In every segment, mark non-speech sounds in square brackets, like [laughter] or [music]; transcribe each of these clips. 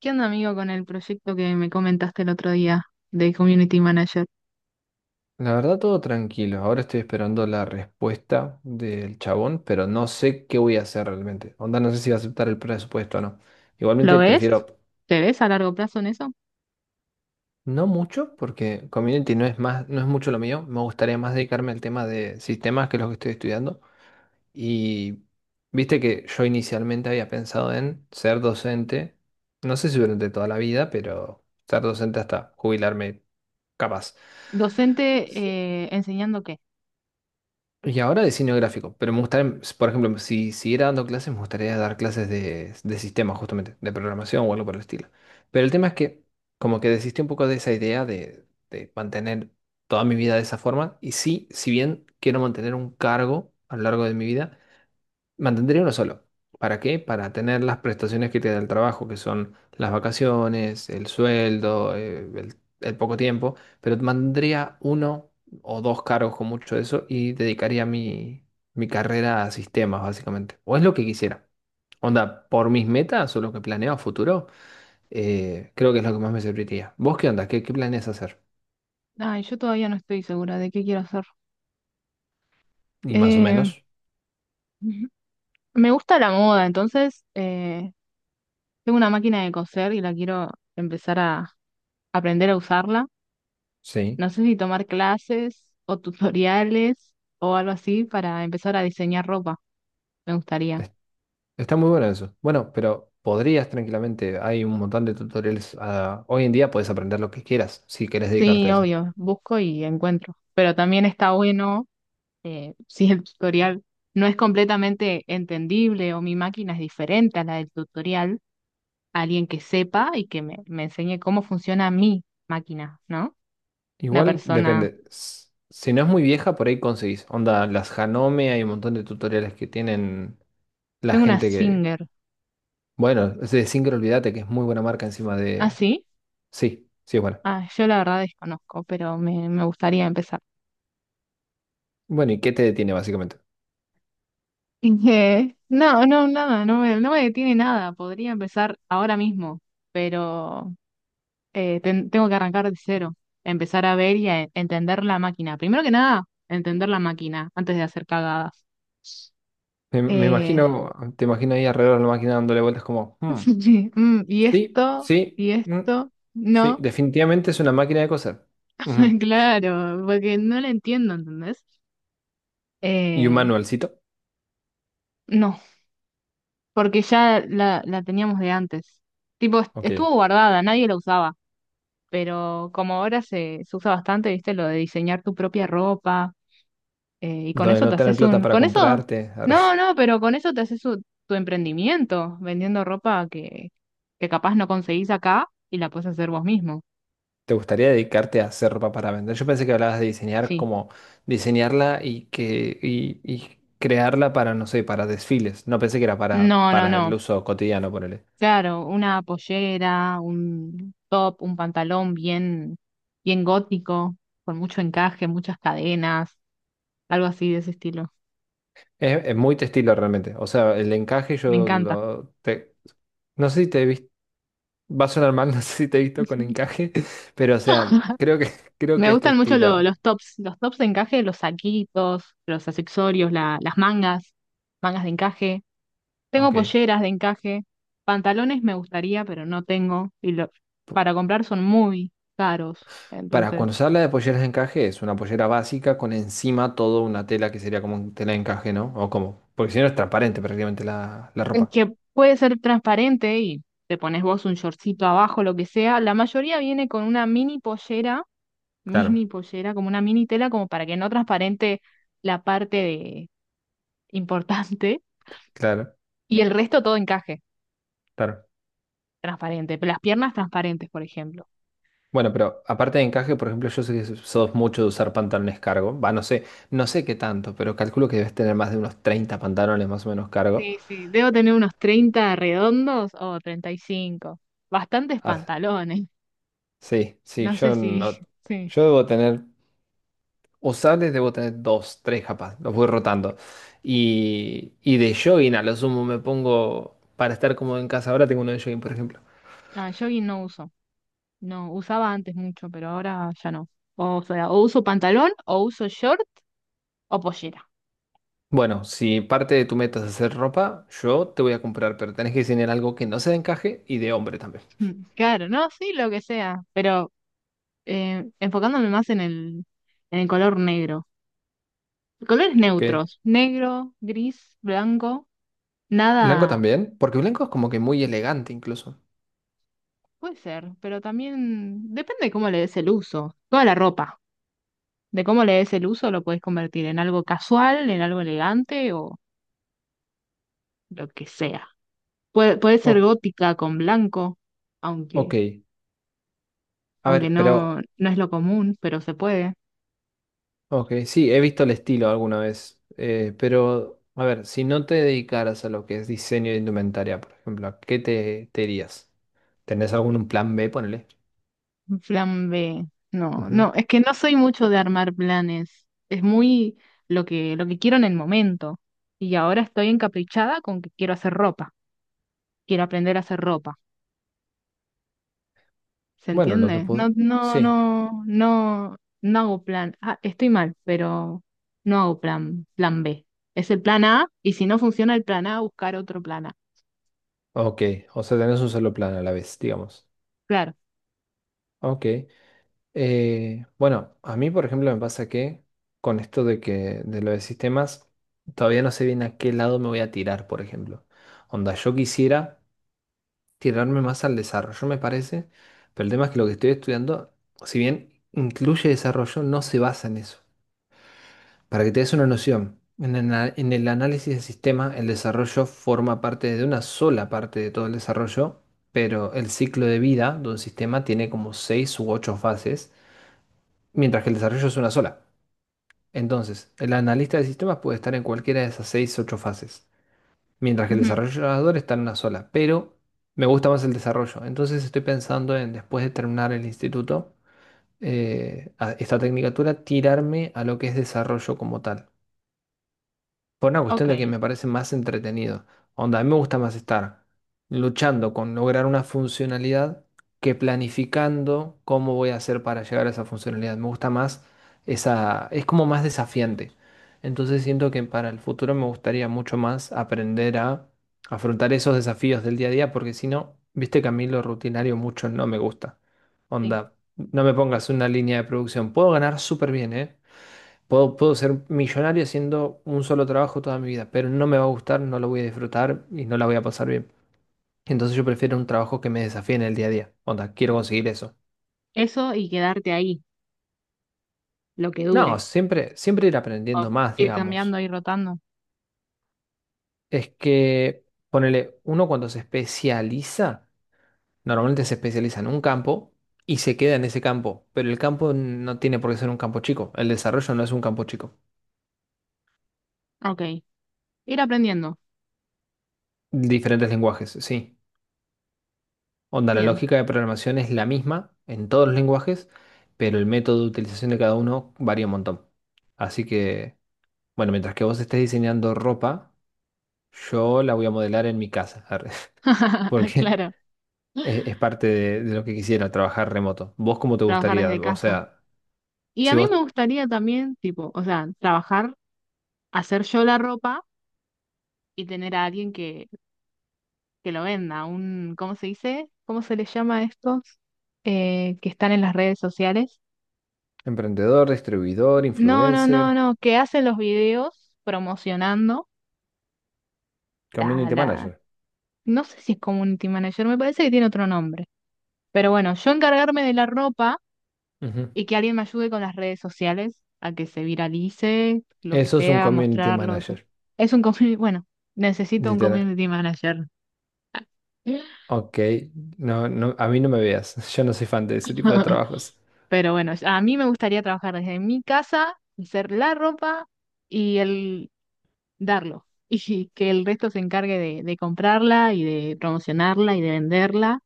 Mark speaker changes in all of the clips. Speaker 1: ¿Qué onda, amigo, con el proyecto que me comentaste el otro día de Community Manager?
Speaker 2: La verdad, todo tranquilo. Ahora estoy esperando la respuesta del chabón, pero no sé qué voy a hacer realmente. Onda, no sé si va a aceptar el presupuesto o no.
Speaker 1: ¿Lo
Speaker 2: Igualmente
Speaker 1: ves?
Speaker 2: prefiero
Speaker 1: ¿Te ves a largo plazo en eso?
Speaker 2: no mucho, porque community no es mucho lo mío. Me gustaría más dedicarme al tema de sistemas, que es lo que estoy estudiando. Y viste que yo inicialmente había pensado en ser docente, no sé si durante toda la vida, pero ser docente hasta jubilarme capaz.
Speaker 1: ¿Docente enseñando qué?
Speaker 2: Y ahora diseño gráfico, pero me gustaría, por ejemplo, si siguiera dando clases, me gustaría dar clases de sistemas, justamente, de programación o algo por el estilo. Pero el tema es que como que desistí un poco de esa idea de mantener toda mi vida de esa forma. Y sí, si bien quiero mantener un cargo a lo largo de mi vida, mantendría uno solo. ¿Para qué? Para tener las prestaciones que te da el trabajo, que son las vacaciones, el sueldo, el poco tiempo, pero mantendría uno o dos cargos con mucho de eso y dedicaría mi, mi carrera a sistemas, básicamente. O es lo que quisiera. Onda, por mis metas o lo que planeo a futuro, creo que es lo que más me serviría. ¿Vos qué onda? ¿Qué, qué planeas hacer?
Speaker 1: Ay, yo todavía no estoy segura de qué quiero hacer.
Speaker 2: Y más o
Speaker 1: Eh,
Speaker 2: menos,
Speaker 1: [laughs] me gusta la moda, entonces tengo una máquina de coser y la quiero empezar a aprender a usarla.
Speaker 2: sí.
Speaker 1: No sé si tomar clases o tutoriales o algo así para empezar a diseñar ropa. Me gustaría.
Speaker 2: Está muy bueno eso. Bueno, pero podrías tranquilamente, hay un montón de tutoriales. Ah, hoy en día puedes aprender lo que quieras si querés dedicarte
Speaker 1: Sí,
Speaker 2: a eso.
Speaker 1: obvio, busco y encuentro. Pero también está bueno. [laughs] Si el tutorial no es completamente entendible o mi máquina es diferente a la del tutorial, alguien que sepa y que me enseñe cómo funciona mi máquina, ¿no? Una
Speaker 2: Igual
Speaker 1: persona,
Speaker 2: depende. Si no es muy vieja, por ahí conseguís. Onda, las Hanome, hay un montón de tutoriales que tienen la
Speaker 1: tengo una
Speaker 2: gente que.
Speaker 1: Singer.
Speaker 2: Bueno, es de Singer, olvídate que es muy buena marca encima
Speaker 1: ¿Ah,
Speaker 2: de.
Speaker 1: sí?
Speaker 2: Sí, sí es buena.
Speaker 1: Ah, yo la verdad desconozco, pero me gustaría empezar. [laughs]
Speaker 2: Bueno, ¿y qué te detiene básicamente?
Speaker 1: No, no, nada, no me detiene nada, podría empezar ahora mismo, pero tengo que arrancar de cero, empezar a ver y a entender la máquina. Primero que nada, entender la máquina antes de hacer cagadas.
Speaker 2: Me
Speaker 1: Eh,
Speaker 2: imagino, te imagino ahí alrededor de la máquina dándole vueltas como, "Hmm,
Speaker 1: [laughs] sí,
Speaker 2: sí, sí,
Speaker 1: y
Speaker 2: mm,
Speaker 1: esto,
Speaker 2: sí,
Speaker 1: no.
Speaker 2: definitivamente es una máquina de coser".
Speaker 1: [laughs]
Speaker 2: Ujú.
Speaker 1: Claro, porque no la entiendo, ¿entendés?
Speaker 2: ¿Y un
Speaker 1: Eh,
Speaker 2: manualcito?
Speaker 1: no, porque ya la teníamos de antes. Tipo,
Speaker 2: Ok.
Speaker 1: estuvo guardada, nadie la usaba, pero como ahora se usa bastante, ¿viste? Lo de diseñar tu propia ropa. Y con
Speaker 2: Donde
Speaker 1: eso te
Speaker 2: no tener
Speaker 1: haces
Speaker 2: plata
Speaker 1: un...
Speaker 2: para
Speaker 1: ¿Con eso?
Speaker 2: comprarte. Arre.
Speaker 1: No,
Speaker 2: [laughs]
Speaker 1: no, pero con eso te haces tu emprendimiento, vendiendo ropa que capaz no conseguís acá y la puedes hacer vos mismo.
Speaker 2: ¿Te gustaría dedicarte a hacer ropa para vender? Yo pensé que hablabas de diseñar
Speaker 1: Sí.
Speaker 2: como diseñarla y y crearla para, no sé, para desfiles. No pensé que era
Speaker 1: No, no,
Speaker 2: para
Speaker 1: no.
Speaker 2: el uso cotidiano, ponele.
Speaker 1: Claro, una pollera, un top, un pantalón bien, bien gótico, con mucho encaje, muchas cadenas, algo así de ese estilo.
Speaker 2: Es muy textil realmente. O sea, el encaje
Speaker 1: Me encanta.
Speaker 2: no sé si te. Va a sonar mal, [laughs] no sé si te he visto con encaje, pero o sea,
Speaker 1: [laughs]
Speaker 2: creo que, [laughs] creo
Speaker 1: Me
Speaker 2: que este
Speaker 1: gustan mucho
Speaker 2: estilo,
Speaker 1: los tops de encaje, los saquitos, los accesorios, las mangas, mangas de encaje. Tengo
Speaker 2: ok.
Speaker 1: polleras de encaje, pantalones me gustaría, pero no tengo. Y para comprar son muy caros.
Speaker 2: Para
Speaker 1: Entonces,
Speaker 2: cuando se habla de polleras de encaje, es una pollera básica con encima toda una tela que sería como un tela de encaje, ¿no? O como, porque si no es transparente prácticamente la, la
Speaker 1: el
Speaker 2: ropa.
Speaker 1: que puede ser transparente y te pones vos un shortcito abajo, lo que sea, la mayoría viene con una mini pollera, [laughs]
Speaker 2: Claro,
Speaker 1: mini pollera, como una mini tela, como para que no transparente la parte de importante
Speaker 2: claro,
Speaker 1: y el resto todo encaje,
Speaker 2: claro.
Speaker 1: transparente. Pero las piernas transparentes, por ejemplo.
Speaker 2: Bueno, pero aparte de encaje, por ejemplo, yo sé que sos mucho de usar pantalones cargo. Va, no sé, no sé qué tanto, pero calculo que debes tener más de unos 30 pantalones más o menos cargo.
Speaker 1: Sí, sí, debo tener unos 30 redondos o 35. Bastantes
Speaker 2: Ah,
Speaker 1: pantalones.
Speaker 2: sí, sí,
Speaker 1: No sé
Speaker 2: yo
Speaker 1: si, [laughs]
Speaker 2: no,
Speaker 1: sí.
Speaker 2: yo debo tener. Usables debo tener dos, tres capaz, los voy rotando. Y de jogging a lo sumo me pongo, para estar cómodo en casa ahora tengo uno de jogging, por ejemplo.
Speaker 1: Ah, jogging no uso. No, usaba antes mucho, pero ahora ya no. O sea, o uso pantalón, o uso short, o pollera. [laughs]
Speaker 2: Bueno, si parte de tu meta es hacer ropa, yo te voy a comprar, pero tenés que diseñar algo que no sea de encaje y de hombre también,
Speaker 1: Mm, claro, no, sí, lo que sea. Pero enfocándome más en el color negro. Colores
Speaker 2: ¿ok?
Speaker 1: neutros. Negro, gris, blanco.
Speaker 2: Blanco
Speaker 1: Nada.
Speaker 2: también, porque blanco es como que muy elegante incluso.
Speaker 1: Puede ser, pero también depende de cómo le des el uso. Toda la ropa. De cómo le des el uso lo puedes convertir en algo casual, en algo elegante o lo que sea. Puede ser
Speaker 2: O-
Speaker 1: gótica con blanco,
Speaker 2: ok,
Speaker 1: aunque,
Speaker 2: a
Speaker 1: aunque
Speaker 2: ver,
Speaker 1: no,
Speaker 2: pero,
Speaker 1: no es lo común, pero se puede.
Speaker 2: ok, sí, he visto el estilo alguna vez, pero, a ver, si no te dedicaras a lo que es diseño de indumentaria, por ejemplo, ¿a qué te, te irías? ¿Tenés algún plan B, ponele?
Speaker 1: Un plan B. No,
Speaker 2: Ujú.
Speaker 1: no, es que no soy mucho de armar planes. Es muy lo que quiero en el momento. Y ahora estoy encaprichada con que quiero hacer ropa. Quiero aprender a hacer ropa. ¿Se
Speaker 2: Bueno, lo que
Speaker 1: entiende? No,
Speaker 2: puedo.
Speaker 1: no,
Speaker 2: Sí,
Speaker 1: no, no, no hago plan. Ah, estoy mal, pero no hago plan B. Es el plan A, y si no funciona el plan A, buscar otro plan A.
Speaker 2: ok. O sea, tenés un solo plan a la vez, digamos.
Speaker 1: Claro.
Speaker 2: Ok. Bueno, a mí, por ejemplo, me pasa que con esto de lo de sistemas, todavía no sé bien a qué lado me voy a tirar, por ejemplo. Onda, yo quisiera tirarme más al desarrollo, me parece, pero el tema es que lo que estoy estudiando, si bien incluye desarrollo, no se basa en eso. Para que te des una noción, en el, en el análisis de sistema, el desarrollo forma parte de una sola parte de todo el desarrollo, pero el ciclo de vida de un sistema tiene como seis u ocho fases, mientras que el desarrollo es una sola. Entonces, el analista de sistemas puede estar en cualquiera de esas seis u ocho fases, mientras que el
Speaker 1: Ujú.
Speaker 2: desarrollador está en una sola, pero me gusta más el desarrollo. Entonces, estoy pensando en, después de terminar el instituto, esta tecnicatura, tirarme a lo que es desarrollo como tal. Por una
Speaker 1: Ok.
Speaker 2: cuestión de que me parece más entretenido. Onda, a mí me gusta más estar luchando con lograr una funcionalidad que planificando cómo voy a hacer para llegar a esa funcionalidad. Me gusta más esa, es como más desafiante. Entonces siento que para el futuro me gustaría mucho más aprender a afrontar esos desafíos del día a día, porque si no, viste que a mí lo rutinario mucho no me gusta.
Speaker 1: Sí.
Speaker 2: Onda, no me pongas una línea de producción. Puedo ganar súper bien, ¿eh? Puedo, puedo ser millonario haciendo un solo trabajo toda mi vida, pero no me va a gustar, no lo voy a disfrutar y no la voy a pasar bien. Entonces yo prefiero un trabajo que me desafíe en el día a día. Onda, quiero conseguir eso.
Speaker 1: Eso y quedarte ahí, lo que
Speaker 2: No,
Speaker 1: dure.
Speaker 2: siempre, siempre ir
Speaker 1: O
Speaker 2: aprendiendo más,
Speaker 1: ir cambiando,
Speaker 2: digamos.
Speaker 1: ir rotando.
Speaker 2: Es que, ponele, uno cuando se especializa, normalmente se especializa en un campo y se queda en ese campo, pero el campo no tiene por qué ser un campo chico. El desarrollo no es un campo chico.
Speaker 1: Ok. Ir aprendiendo.
Speaker 2: Diferentes lenguajes, sí. Onda, la
Speaker 1: Bien.
Speaker 2: lógica de programación es la misma en todos los lenguajes, pero el método de utilización de cada uno varía un montón. Así que, bueno, mientras que vos estés diseñando ropa, yo la voy a modelar en mi casa, arre, [laughs]
Speaker 1: [laughs]
Speaker 2: porque
Speaker 1: Claro.
Speaker 2: es parte de lo que quisiera, trabajar remoto. ¿Vos cómo te
Speaker 1: Trabajar
Speaker 2: gustaría?
Speaker 1: desde
Speaker 2: O
Speaker 1: casa.
Speaker 2: sea,
Speaker 1: Y
Speaker 2: si
Speaker 1: a mí
Speaker 2: vos,
Speaker 1: me gustaría también, tipo, o sea, trabajar, hacer yo la ropa y tener a alguien que lo venda. ¿Cómo se dice? ¿Cómo se les llama a estos que están en las redes sociales?
Speaker 2: emprendedor, distribuidor,
Speaker 1: No, no, no,
Speaker 2: influencer,
Speaker 1: no. Que hacen los videos promocionando la,
Speaker 2: community
Speaker 1: la...
Speaker 2: manager.
Speaker 1: No sé si es community manager, me parece que tiene otro nombre. Pero bueno, yo encargarme de la ropa
Speaker 2: Ujú.
Speaker 1: y que alguien me ayude con las redes sociales a que se viralice, lo que
Speaker 2: Eso es un
Speaker 1: sea,
Speaker 2: community
Speaker 1: mostrarlo, todo.
Speaker 2: manager,
Speaker 1: Es un community, [laughs] bueno, necesito un
Speaker 2: literal.
Speaker 1: community manager.
Speaker 2: Ok, no, no, a mí no me veas, [laughs] yo no soy fan de ese tipo de trabajos.
Speaker 1: [laughs] Pero bueno, a mí me gustaría trabajar desde mi casa, hacer la ropa y el darlo. [laughs] Y que el resto se encargue de comprarla y de promocionarla y de venderla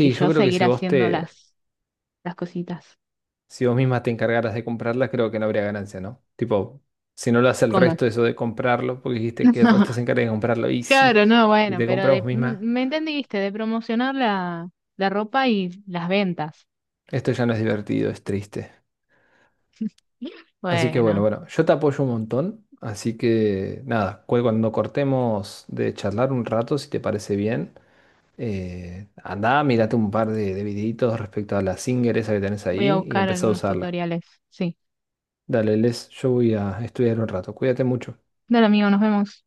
Speaker 1: y
Speaker 2: yo
Speaker 1: yo
Speaker 2: creo que
Speaker 1: seguir
Speaker 2: si vos
Speaker 1: haciendo
Speaker 2: te,
Speaker 1: las cositas.
Speaker 2: si vos misma te encargaras de comprarlas, creo que no habría ganancia, ¿no? Tipo, si no lo hace el
Speaker 1: ¿Cómo?
Speaker 2: resto eso de comprarlo, porque dijiste que el resto se
Speaker 1: [laughs]
Speaker 2: encarga de comprarlo, y sí,
Speaker 1: Claro, no,
Speaker 2: si
Speaker 1: bueno,
Speaker 2: te
Speaker 1: pero
Speaker 2: compras vos misma,
Speaker 1: me entendiste, de promocionar la ropa y las ventas.
Speaker 2: esto ya no es divertido, es triste. Así que bueno,
Speaker 1: Bueno,
Speaker 2: bueno, yo te apoyo un montón, así que nada, cuando cortemos de charlar un rato, si te parece bien, andá, mírate un par de videitos respecto a la Singer esa que tenés
Speaker 1: voy a
Speaker 2: ahí y
Speaker 1: buscar
Speaker 2: empezá a
Speaker 1: algunos
Speaker 2: usarla.
Speaker 1: tutoriales. Sí.
Speaker 2: Dale, Les, yo voy a estudiar un rato, cuídate mucho.
Speaker 1: Dale, amigo, nos vemos.